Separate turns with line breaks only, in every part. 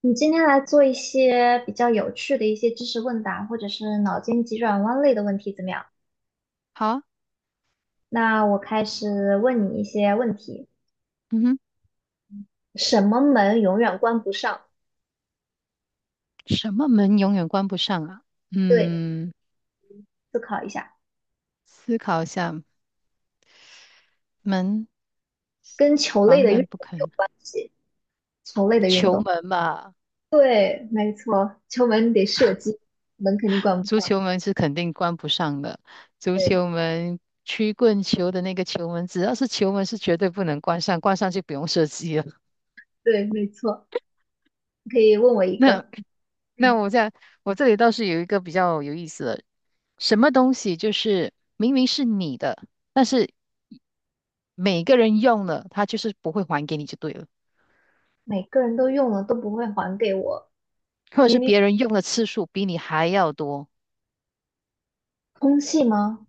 你今天来做一些比较有趣的一些知识问答，或者是脑筋急转弯类的问题，怎么样？
好啊。
那我开始问你一些问题。
嗯哼，
什么门永远关不上？
什么门永远关不上啊？
对，
嗯，
思考一下，
思考一下，门，
跟球类
房
的运
门不
动有
肯，
关系。球类的运
球
动，
门吧，
对，没错，球门你得射击，门肯定关不
足
上。
球门是肯定关不上的。足
对，
球门，曲棍球的那个球门，只要是球门是绝对不能关上，关上就不用射击了。
对，没错。你可以问我一
那
个，
那
嗯，
我在我这里倒是有一个比较有意思的，什么东西就是明明是你的，每个人用了，他就是不会还给你就对了。
每个人都用了都不会还给我，
或者
明
是
明
别人用的次数比你还要多，
空气吗？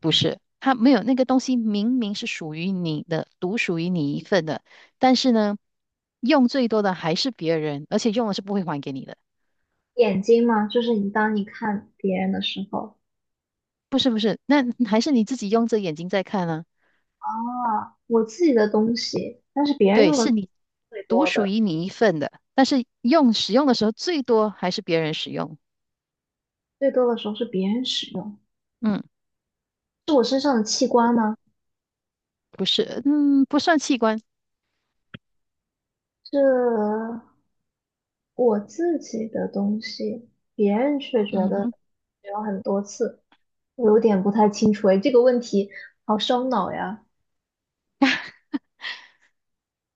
不是？他没有那个东西，明明是属于你的，独属于你一份的，但是呢，用最多的还是别人，而且用了是不会还给你的，
眼睛嘛，就是你当你看别人的时候，
不是？那还是你自己用着眼睛在看啊。
啊，我自己的东西，但是别人
对，
用的
是你
最
独
多
属
的，
于你一份的，但是用使用的时候最多还是别人使用。
最多的时候是别人使用，
嗯，
是我身上的器官吗？
不是，嗯，不算器官。
是我自己的东西，别人却觉
嗯
得
哼，
使用很多次，我有点不太清楚诶，这个问题好烧脑呀！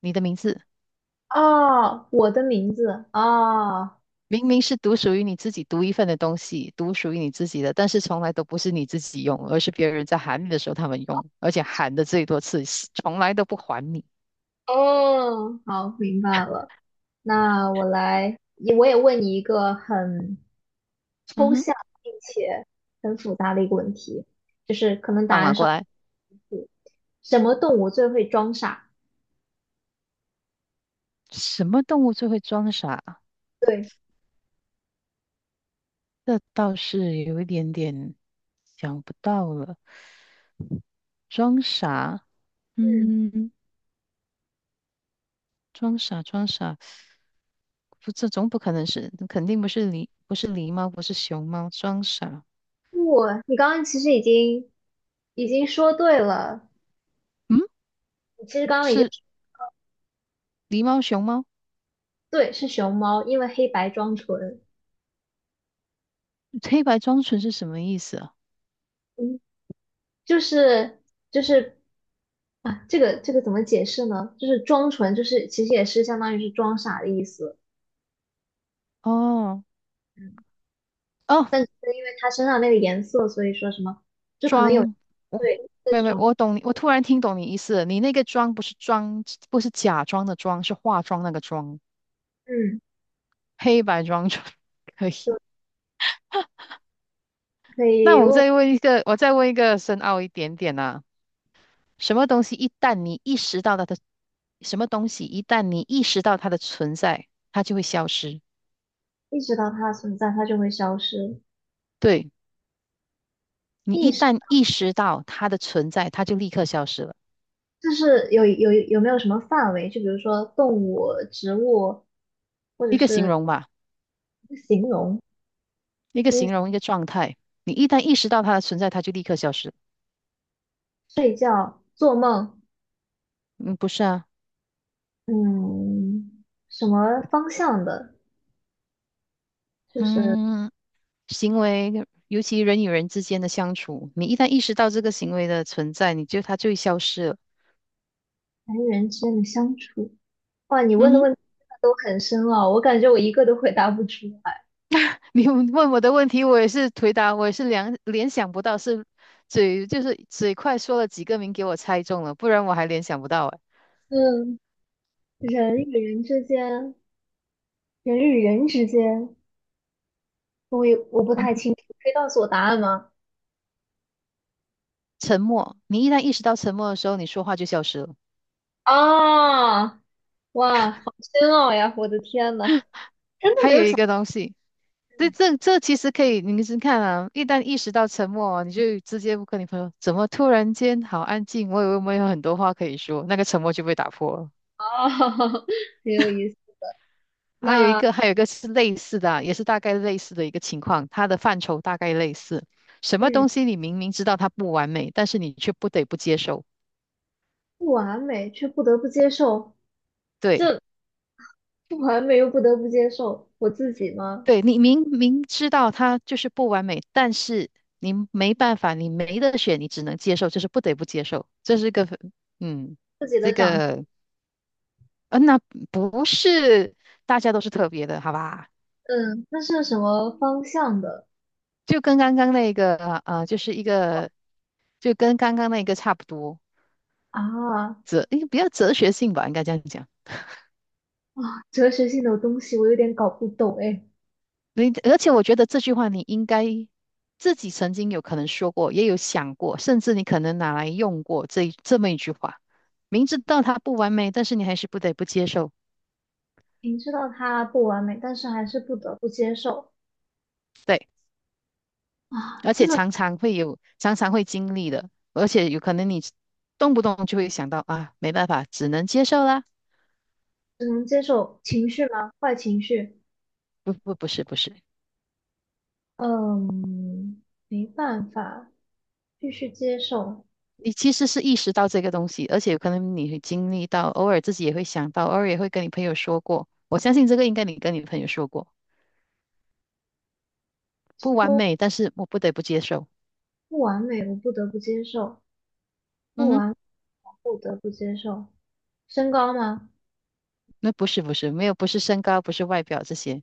你的名字。
啊，我的名字啊，
明明是独属于你自己独一份的东西，独属于你自己的，但是从来都不是你自己用，而是别人在喊你的时候他们用，而且喊的最多次，从来都不还你。
哦，好，明白了。那我也问你一个很
嗯
抽
哼，
象并且很复杂的一个问题，就是可能答
放马
案
过
上
来。
什么动物最会装傻？
什么动物最会装傻？
对，
这倒是有一点点想不到了。装傻，
嗯，
嗯，装傻，装傻，不，这总不可能是，肯定不是狸，不是狸猫，不是熊猫，装傻。
不，你刚刚其实已经说对了，
嗯，
你其实刚刚已经
是狸猫、熊猫。
对是熊猫，因为黑白装纯，
黑白装纯是什么意思啊？
嗯，就是就是啊，这个怎么解释呢？就是装纯，就是其实也是相当于是装傻的意思。
哦
嗯，
哦，
因为它身上那个颜色，所以说什么，就可能有
装，我
对的
没有
这
没有，
种，
我懂你，我突然听懂你意思了。你那个妆不是妆，不是假装的妆，是化妆那个妆，
嗯，
黑白妆妆 可以。
就可
那
以
我
问
再问一个，我再问一个深奥一点点啊，什么东西一旦你意识到它的存在，它就会消失。
意识到它的存在，它就会消失。
对，你
意
一
识
旦意识到它的存在，它就立刻消失了。
就是有没有什么范围？就比如说动物、植物，或者
一个形
是
容吧，
一个形容，
一个
一个
形容一个状态，你一旦意识到它的存在，它就立刻消失。
睡觉、做梦，
嗯，不是啊。
嗯，什么方向的
嗯，行为，尤其人与人之间的相处，你一旦意识到这个行为的存在，它就会消失了。
人与人之间的相处。哇，你问
嗯
的
哼。
问题真的都很深奥，我感觉我一个都回答不出来。
你问我的问题，我也是回答，我也是联想不到是嘴，就是嘴快说了几个名给我猜中了，不然我还联想不到哎。
嗯，人与人之间。人与人之间，我不
嗯，
太清楚，可以告诉我答案吗？
沉默，你一旦意识到沉默的时候，你说话就消失了。
啊，哇，好深奥呀！我的天呐，真的
还有一个东西，这其实可以，你是看啊，一旦意识到沉默啊你就直接跟你朋友，怎么突然间好安静？我以为我们有很多话可以说，那个沉默就被打破了。
啊，很有意思。
还有一
那
个，还有一个是类似的啊，也是大概类似的一个情况，它的范畴大概类似。什么
嗯，
东西你明明知道它不完美，但是你却不得不接受。
不完美，却不得不接受，
对，
这不完美又不得不接受我自己吗？
对，你明明知道它就是不完美，但是你没办法，你没得选，你只能接受，就是不得不接受。这是一个，嗯。这个呃，那不是大家都是特别的，好吧？
嗯，那是什么方向的
就跟刚刚那个，呃，就是一个，就跟刚刚那个差不多，
啊？
哲，应该比较哲学性吧，应该这样讲。
啊，哲学性的东西我有点搞不懂哎。
而且我觉得这句话你应该自己曾经有可能说过，也有想过，甚至你可能拿来用过这么一句话。明知道它不完美，但是你还是不得不接受。
明知道它不完美，但是还是不得不接受
对，
啊，
而
真
且
的
常常会有，常常会经历的，而且有可能你动不动就会想到啊，没办法，只能接受啦。
只能接受情绪吗？坏情绪，
不是，
嗯，没办法，必须接受。
你其实是意识到这个东西，而且有可能你会经历到，偶尔自己也会想到，偶尔也会跟你朋友说过。我相信这个应该你跟你朋友说过，不完
说
美，但是我不得不接受。
不完美，我不得不接受；不
嗯哼，
完，不得不接受。身高吗？
那不是，没有，不是身高，不是外表这些，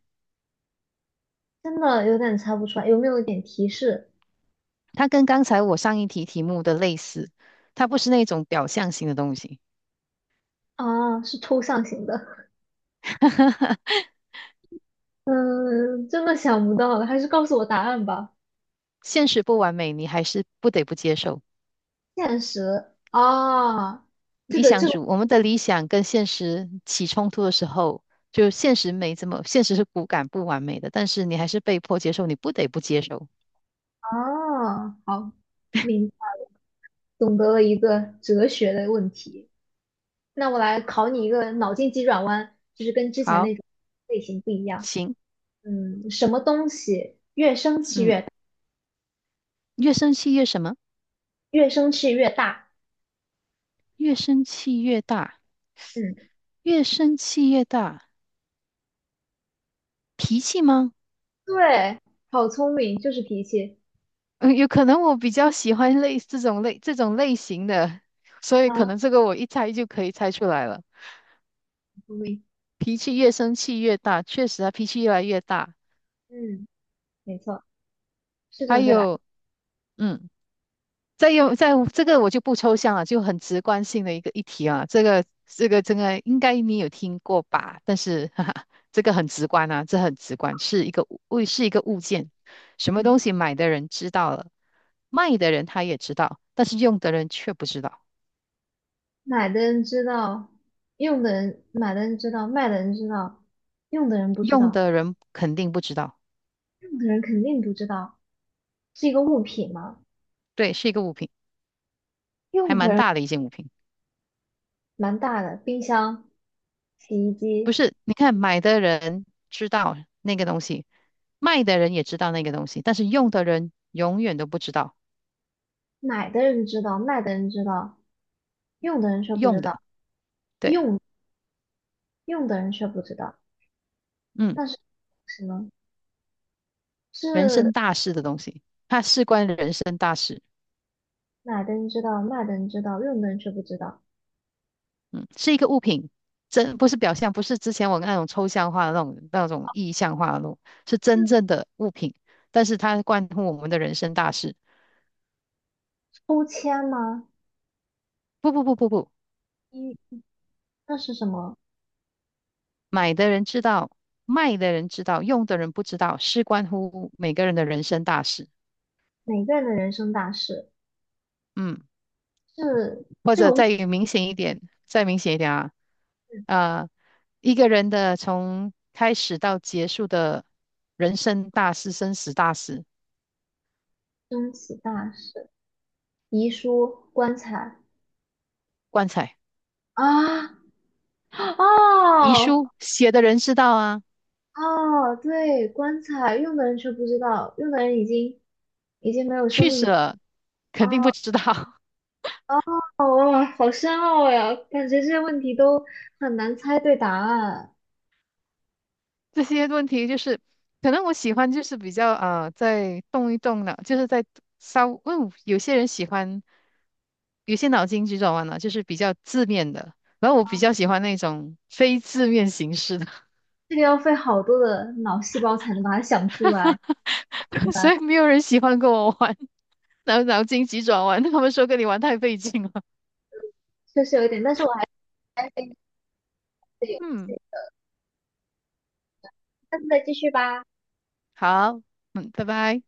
真的有点猜不出来，有没有一点提示？
它跟刚才我上一题题目的类似，它不是那种表象型的东西。
啊，是抽象型的。嗯，真的想不到了，还是告诉我答案吧。
现实不完美，你还是不得不接受。
现实啊，这
理
个
想
这个
主，我们的理想跟现实起冲突的时候，就现实没这么，现实是骨感不完美的，但是你还是被迫接受，你不得不接受。
啊，好，明懂得了一个哲学的问题。那我来考你一个脑筋急转弯，就是跟之前
好，
那种类型不一样。
行，
嗯，什么东西越生气
嗯，
越大
越生气越什么？
越生气越大？
越生气越大，
嗯，
越生气越大，脾气吗？
对，好聪明，就是脾气
嗯，有可能我比较喜欢类这种类这种类型的，所以
啊，
可
好
能这个我一猜就可以猜出来了。
聪明。
脾气越生气越大，确实啊，脾气越来越大。
嗯，没错，是
还
正确的。
有，嗯。再这个我就不抽象了，就很直观性的一个议题啊，这个应该你有听过吧？但是哈哈，这个很直观啊，这很直观，是一个物件，什么
嗯，
东西买的人知道了，卖的人他也知道，但是用的人却不知道，
买的人知道，用的人买的人知道，卖的人知道，用的人不知
用
道，
的人肯定不知道。
用的人肯定不知道，是一个物品吗？
对，是一个物品，还
用的
蛮
人
大的一件物品。
蛮大的，冰箱、洗衣
不
机。
是？你看买的人知道那个东西，卖的人也知道那个东西，但是用的人永远都不知道
买的人知道，卖的人知道，用的人却不
用
知
的。
道，
对。
用的人却不知道。
嗯，
但是什么
人
是
生大事的东西，它事关人生大事。
买的人知道，卖的人知道，用的人却不知道？
嗯，是一个物品，真不是表象，不是之前我那种抽象化的那种意象化的那种，是真正的物品。但是它关乎我们的人生大事。
抽签吗？
不不不不不，
一，那是什么？
买的人知道，卖的人知道，用的人不知道，事关乎每个人的人生大事。
每个人的人生大事
嗯，
是
或
这个
者
物
再明显一点，再明显一点啊，啊，一个人的从开始到结束的人生大事、生死大事，
升起大事，遗书、棺材
棺材、
啊，
遗
哦
书写的人知道啊，
哦，对，棺材用的人却不知道，用的人已经没有生
去世
命。
了肯定不
哦
知道。
哦，哇，好深奥呀！感觉这些问题都很难猜对答案，
这些问题就是，可能我喜欢就是比较啊、在动一动脑，就是在稍，嗯，有些人喜欢，有些脑筋急转弯呢，就是比较字面的。然后我比较喜欢那种非字面形式的。
这个要费好多的脑细胞才能把它想出来，
所以没有人喜欢跟我玩脑筋急转弯。他们说跟你玩太费劲了。
确实有一点。但是我还是爱这个游
嗯，
戏，下次再继续吧。
好，嗯，拜拜。